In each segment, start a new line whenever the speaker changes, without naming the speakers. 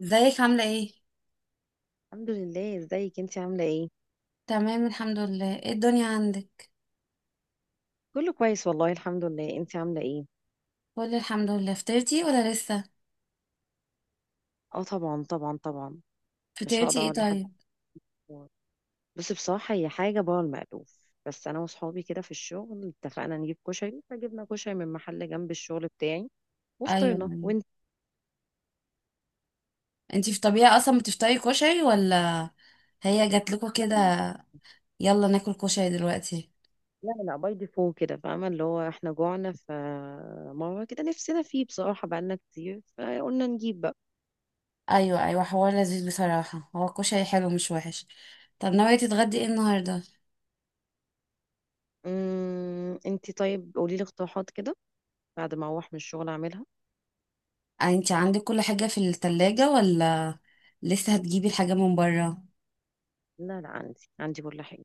ازيك عاملة ايه؟
الحمد لله. ازيك انت عامله ايه؟
تمام الحمد لله، ايه الدنيا عندك؟
كله كويس والله الحمد لله. انت عامله ايه؟
كل الحمد لله، فطرتي ولا لسه؟
اه طبعا طبعا طبعا. مش
فطرتي
هقدر
ايه
اقول لحد.
طيب؟
بصي بصراحه هي حاجه بره المألوف. بس انا وصحابي كده في الشغل اتفقنا نجيب كشري، فجبنا كشري من محل جنب الشغل بتاعي
ايوه،
وفطرنا.
أيوة.
وانت؟
انتي في طبيعة اصلا بتفطري كشري ولا هي جاتلكوا
لا.
كده؟ يلا ناكل كشري دلوقتي؟
لا باي ديفو كده، فاهمه اللي هو احنا جوعنا فمره كده نفسنا فيه بصراحه، بقالنا كتير فقلنا نجيب بقى.
ايوه ايوه، حوار لذيذ بصراحة. هو الكشري حلو مش وحش. طب ناوية تتغدي ايه النهاردة؟
انت طيب قولي لي اقتراحات كده بعد ما اروح من الشغل اعملها.
انتي عندك كل حاجة في التلاجة ولا لسه هتجيبي الحاجة من برا؟
لا لا، عندي كل حاجه.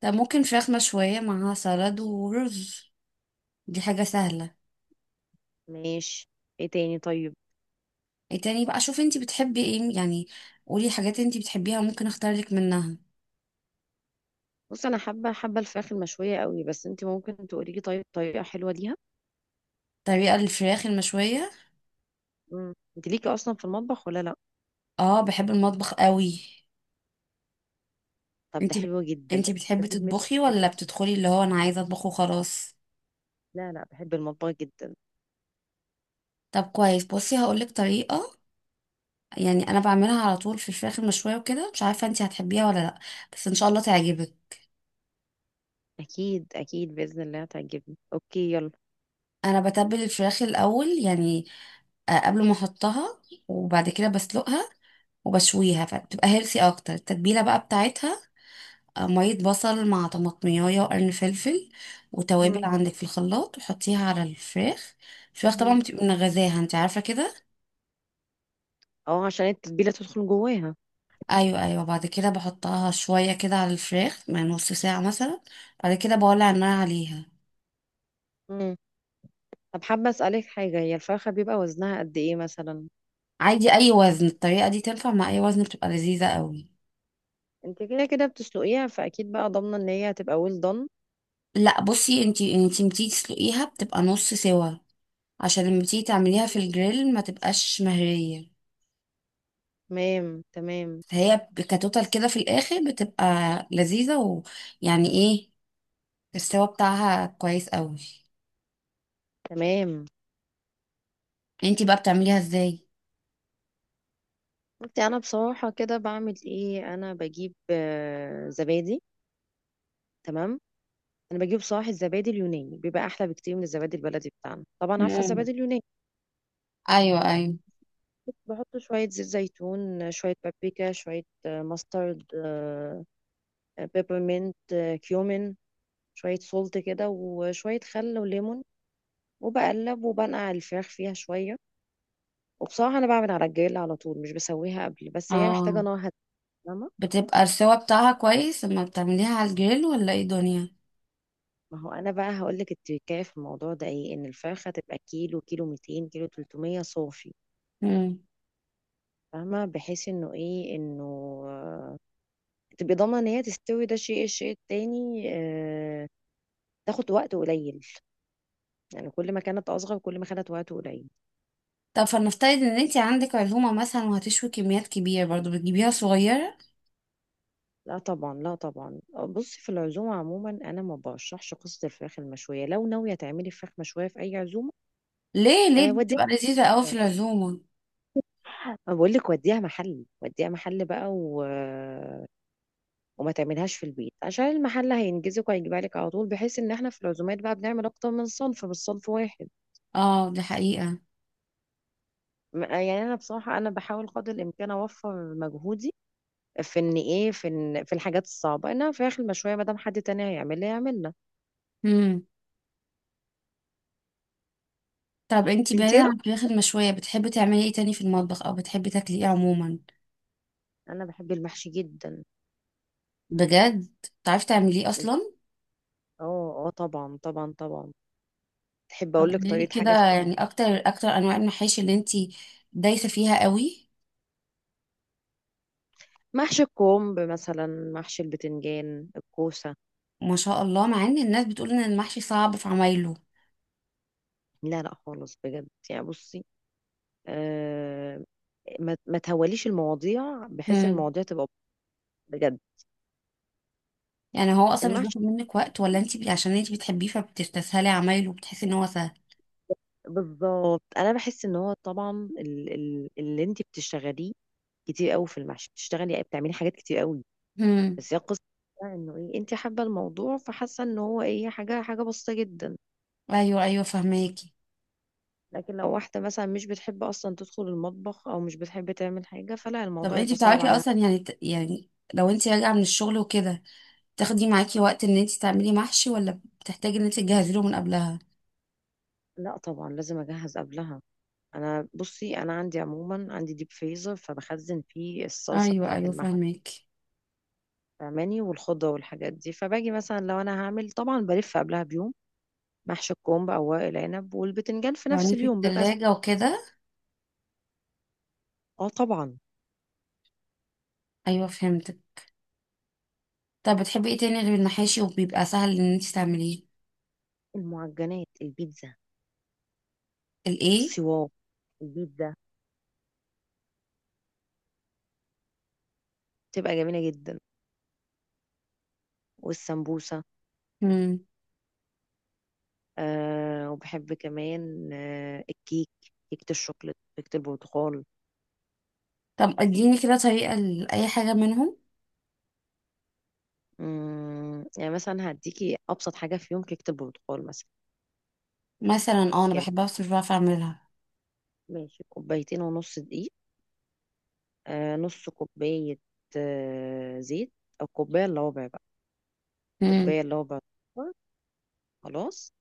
طب ممكن فراخ مشوية معاها سلطة ورز. دي حاجة سهلة.
ماشي. ايه تاني طيب؟
إيه تاني بقى؟ شوفي انتي بتحبي ايه يعني. قولي حاجات انتي بتحبيها ممكن اختار لك منها.
بص انا حابه الفراخ المشويه قوي، بس انت ممكن تقولي لي طيب طريقه حلوه ليها؟
طريقة الفراخ المشوية.
انت ليكي اصلا في المطبخ ولا لا؟
اه، بحب المطبخ قوي.
طب ده
انتي بت...
حلو جدا.
انتي
ده
بتحبي
في دماغي.
تطبخي ولا
أكيد.
بتدخلي اللي هو انا عايزة اطبخ وخلاص؟
لا لا، بحب المطبخ جدا.
طب كويس، بصي هقولك طريقة. يعني انا بعملها على طول في الفراخ المشوية وكده، مش عارفة انتي هتحبيها ولا لا، بس ان شاء الله تعجبك.
اكيد اكيد باذن الله هتعجبني. اوكي يلا.
انا بتبل الفراخ الاول يعني، قبل ما احطها وبعد كده بسلقها وبشويها، فبتبقى هيلثي اكتر. التتبيله بقى بتاعتها مية بصل مع طماطمية وقرن فلفل وتوابل
مم.
عندك في الخلاط، وحطيها على الفراخ. الفراخ طبعا
مم.
بتبقى منغذاها، انت عارفة كده.
اه عشان التتبيله تدخل جواها.
ايوه ايوه، بعد كده بحطها شوية كده على الفراخ من نص ساعة مثلا، بعد كده بولع النار عليها.
مم. طب حابه اسالك حاجه، هي الفرخه بيبقى وزنها قد ايه مثلا؟
عادي، اي وزن، الطريقة دي تنفع مع اي وزن، بتبقى لذيذة قوي.
انت كده كده بتسلقيها، فاكيد بقى ضامنه ان هي هتبقى ويل دون.
لا بصي، انتي بتيجي تسلقيها بتبقى نص سوا، عشان لما تيجي تعمليها في الجريل ما تبقاش مهرية.
تمام تمام.
هي كتوتال كده في الاخر بتبقى لذيذة، ويعني ايه، السوا بتاعها كويس قوي.
تمام
انتي بقى بتعمليها ازاي؟
بصي انا بصراحه كده بعمل ايه، انا بجيب زبادي. تمام. انا بجيب صراحه الزبادي اليوناني، بيبقى احلى بكتير من الزبادي البلدي بتاعنا. طبعا عارفه
مم.
الزبادي اليوناني.
ايوه ايوه.
بحط شويه زيت زيتون، شويه بابريكا، شويه ماسترد، بيبرمنت، كيومين، شويه سولت كده، وشويه خل وليمون، وبقلب وبنقع الفراخ فيها شويه. وبصراحه انا بعمل على الجريل على طول، مش بسويها قبل، بس هي محتاجه
اه،
نار هاديه. فاهمة؟
بتبقى السوا بتاعها كويس لما بتعمليها على الجريل ولا ايه دنيا؟
ما هو انا بقى هقول لك التركايه في الموضوع ده ايه، ان الفرخه تبقى كيلو، كيلو 200، كيلو 300 صافي.
مم.
فاهمه، بحيث انه ايه انه آه، تبقى ضامنه ان هي تستوي. ده شيء. الشيء التاني تاخد وقت قليل، يعني كل ما كانت اصغر كل ما خدت وقت قليل.
طب فلنفترض ان انتي عندك عزومه مثلا وهتشوي كميات كبيره، برضو بتجيبيها صغيره؟
لا طبعا لا طبعا. بصي في العزومه عموما انا ما برشحش قصه الفراخ المشويه. لو ناويه تعملي فراخ مشويه في اي عزومه،
ليه ليه؟ دي
وديها.
بتبقى لذيذه قوي في العزومه.
انا بقول لك وديها محل، وديها محل بقى وما تعملهاش في البيت، عشان المحل هينجزك وهيجيبها لك على طول، بحيث ان احنا في العزومات بقى بنعمل اكتر من صنف مش صنف واحد.
اه، دي حقيقه.
يعني انا بصراحه انا بحاول قدر الامكان اوفر مجهودي في ان ايه في إن في الحاجات الصعبه، انها فراخ المشويه، ما دام حد تاني هيعملها يعملها.
مم. طب انتي
انت إيه
بعيدا عن
رأيك؟
الفراخ المشويه، بتحبي تعملي ايه تاني في المطبخ، او بتحبي تاكلي ايه عموما؟
انا بحب المحشي جدا.
بجد؟ بتعرفي تعمليه اصلا؟
اه اه طبعا طبعا طبعا. تحب
طب
اقول لك
قوليلي
طريقه
كده
حاجه في
يعني، اكتر اكتر انواع المحاشي اللي انتي دايسه فيها قوي.
محشي الكرنب مثلا؟ محشي البتنجان، الكوسه.
ما شاء الله، مع ان الناس بتقول ان المحشي صعب في عمايله.
لا لا خالص بجد، يعني بصي، آه، ما تهوليش المواضيع بحيث ان
امم
المواضيع تبقى، بجد،
يعني هو اصلا مش بياخد
المحشي.
منك وقت، ولا انتي عشان انتي بتحبيه فبتستسهلي عمايله وبتحسي ان هو سهل؟
بالظبط، انا بحس ان هو طبعا اللي انت بتشتغليه كتير قوي في المحشي، بتشتغلي بتعملي حاجات كتير قوي.
امم
بس هي القصه بقى انه ايه، انت حابه الموضوع فحاسه ان هو ايه، حاجه بسيطه جدا.
ايوه ايوه، فهماكي.
لكن لو واحده مثلا مش بتحب اصلا تدخل المطبخ او مش بتحب تعمل حاجه، فلا،
طب
الموضوع
انتي
يبقى صعب
بتعرفي
عليها.
اصلا يعني، لو انتي راجعه من الشغل وكده تاخدي معاكي وقت ان انتي تعملي محشي، ولا بتحتاجي ان انتي تجهزي له من قبلها؟
لا طبعا لازم اجهز قبلها. انا بصي انا عندي عموما، عندي ديب فريزر فبخزن فيه الصلصه
ايوه
بتاعه
ايوه،
المحشي،
فهماكي.
فاهماني، والخضة والحاجات دي. فباجي مثلا لو انا هعمل طبعا بلف قبلها بيوم محشي الكرنب او ورق العنب، والبتنجان في نفس
يعني في
اليوم بيبقى
التلاجة وكده.
اه طبعا.
ايوه، فهمت. طب بتحبي ايه تاني غير المحاشي وبيبقى سهل ان انت تعمليه؟
المعجنات، البيتزا،
الايه؟
السواق، البيتزا بتبقى جميلة جدا، والسمبوسة.
مم.
آه وبحب كمان آه الكيك، كيكة الشوكولاتة، كيكة البرتقال.
طب اديني كده طريقة لأي حاجة منهم.
مم، يعني مثلا هديكي أبسط حاجة في يوم، كيكة البرتقال مثلا.
مثلا اه، انا
يعني
بحبها بس مش بعرف اعملها.
ماشي، كوبايتين ونص دقيق، نص كوباية زيت، أو كوباية إلا ربع بقى،
مم.
كوباية إلا ربع سكر، خلاص،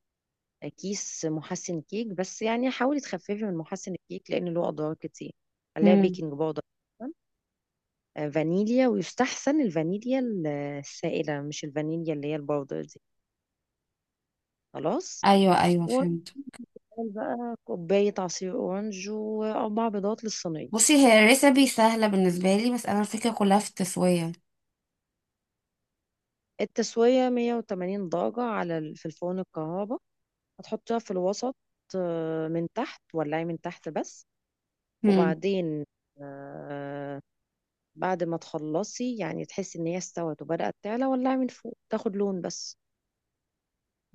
كيس محسن كيك، بس يعني حاولي تخففي من محسن الكيك لأن له أضرار كتير عليها،
مم.
بيكنج باودر مثلاً. فانيليا، ويستحسن الفانيليا السائلة، مش الفانيليا اللي هي الباودر دي. خلاص،
ايوه ايوه، فهمت.
ونعمل بقى كوباية عصير أورنج وأربع بيضات للصينية.
بصي، هي الريسبي سهلة بالنسبة لي، بس انا الفكرة كلها في التسوية.
التسوية 180 درجة على في الفرن الكهرباء، هتحطيها في الوسط، من تحت، ولعي من تحت بس.
مم.
وبعدين آه، بعد ما تخلصي يعني تحسي ان هي استوت وبدأت تعلى، ولعي من فوق تاخد لون بس.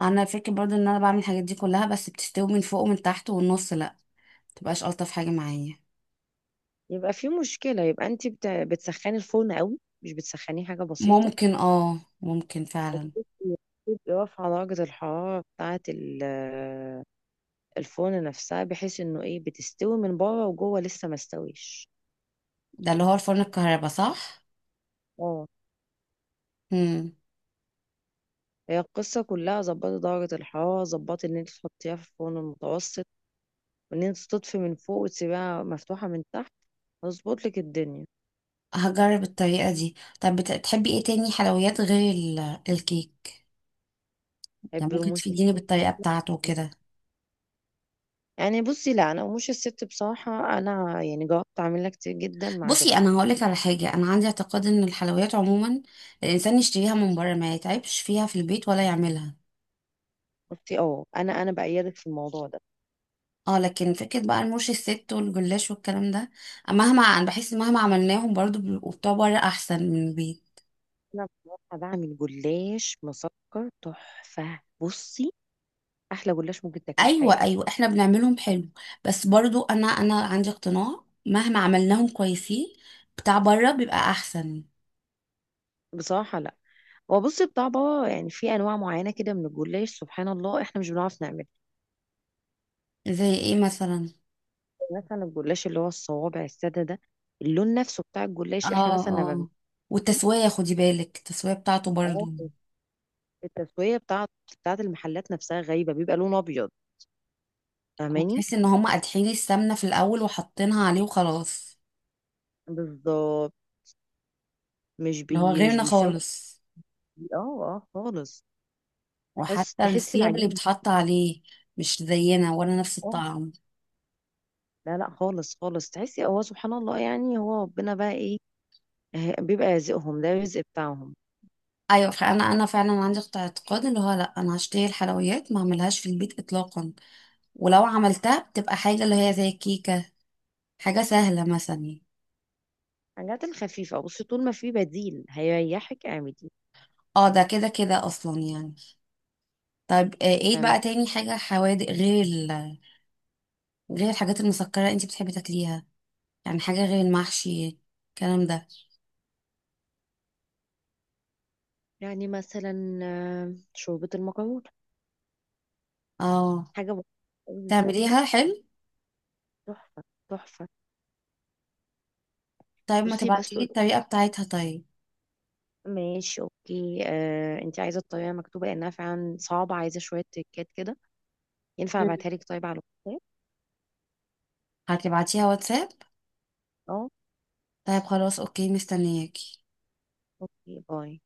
انا الفكرة برضو ان انا بعمل الحاجات دي كلها بس بتستوي من فوق ومن تحت والنص لا، متبقاش الطف حاجة معايا.
يبقى في مشكلة، يبقى انت بتسخني الفرن قوي مش بتسخنيه حاجة بسيطة،
ممكن فعلا.
وبتبقي بتبقي واقفة على درجة الحرارة بتاعة الفرن نفسها، بحيث انه ايه، بتستوي من بره وجوه لسه ما استويش.
ده اللي هو الفرن الكهرباء صح؟
اه.
مم.
هي القصة كلها ظبطي درجة الحرارة، ظبطي ان انت تحطيها في الفرن المتوسط، وان انت تطفي من فوق وتسيبها مفتوحة من تحت، هظبط لك الدنيا.
هجرب الطريقة دي. طب بتحبي ايه تاني حلويات غير الكيك؟ يعني
بحب
ممكن
رموش
تفيديني
الست.
بالطريقة بتاعته وكده.
يعني بصي لا، انا رموش الست بصراحة انا يعني جربت اعملها كتير جدا ما
بصي انا
عجبتني.
هقولك على حاجة، انا عندي اعتقاد ان الحلويات عموما الانسان يشتريها من بره ما يتعبش فيها في البيت ولا يعملها.
بصي اه، انا بأيدك في الموضوع ده.
اه، لكن فكرة بقى المرش الست والجلاش والكلام ده، مهما انا بحس مهما عملناهم برضو بيبقوا بتوع بره احسن من البيت.
انا بصراحة بعمل جلاش مسكر تحفة. بصي احلى جلاش ممكن تاكليه في
ايوه
حياتك.
ايوه، احنا بنعملهم حلو، بس برضو انا عندي اقتناع مهما عملناهم كويسين بتاع بره بيبقى احسن.
بصراحة لا، هو بصي بتاع بابا يعني، في انواع معينة كده من الجلاش سبحان الله احنا مش بنعرف نعمله.
زي ايه مثلا؟
مثلا الجلاش اللي هو الصوابع السادة ده، اللون نفسه بتاع
اه
الجلاش احنا مثلا لما
اه. والتسوية، خدي بالك التسوية بتاعته
اه،
برضو.
التسوية بتاعت المحلات نفسها غايبة، بيبقى لون أبيض. فاهماني.
هتحسي ان هم قادحين السمنة في الاول وحاطينها عليه وخلاص.
بالظبط. مش
اللي هو
بي مش
غيرنا
بيسوي.
خالص.
اه. اه خالص. بس
وحتى
تحسي
الثياب اللي
العجينة.
بتحط عليه مش زينا، ولا نفس
اه.
الطعم.
لا لا خالص خالص، تحسي هو سبحان الله يعني هو ربنا بقى ايه، بيبقى رزقهم ده الرزق بتاعهم.
ايوه، فانا فعلا عندي اعتقاد اللي هو لا، انا هشتري الحلويات ما اعملهاش في البيت اطلاقا، ولو عملتها بتبقى حاجه اللي هي زي الكيكه، حاجه سهله مثلا.
الحاجات الخفيفة بصي طول ما في بديل هيريحك اعملي.
اه، ده كده كده اصلا يعني. طيب، ايه
فاهمة.
بقى تاني حاجه حوادق، غير الحاجات المسكرة انتي بتحبي تاكليها؟ يعني حاجة غير المحشي الكلام ده.
يعني مثلا شوربة المكرونة،
اه.
حاجة بسيطة أوي وسهلة.
تعمليها حلو؟
تحفة. تحفة.
طيب ما
بصي
تبعتيلي
بسلق.
الطريقة بتاعتها طيب.
ماشي اوكي انت عايزه الطريقه مكتوبه لانها فعلا صعبه عايزه شويه تريكات كده. ينفع
مم.
ابعتها لك طيب على الواتساب؟
هتبعتيها واتساب؟
اه.
طيب خلاص اوكي، مستنياك.
اوكي باي.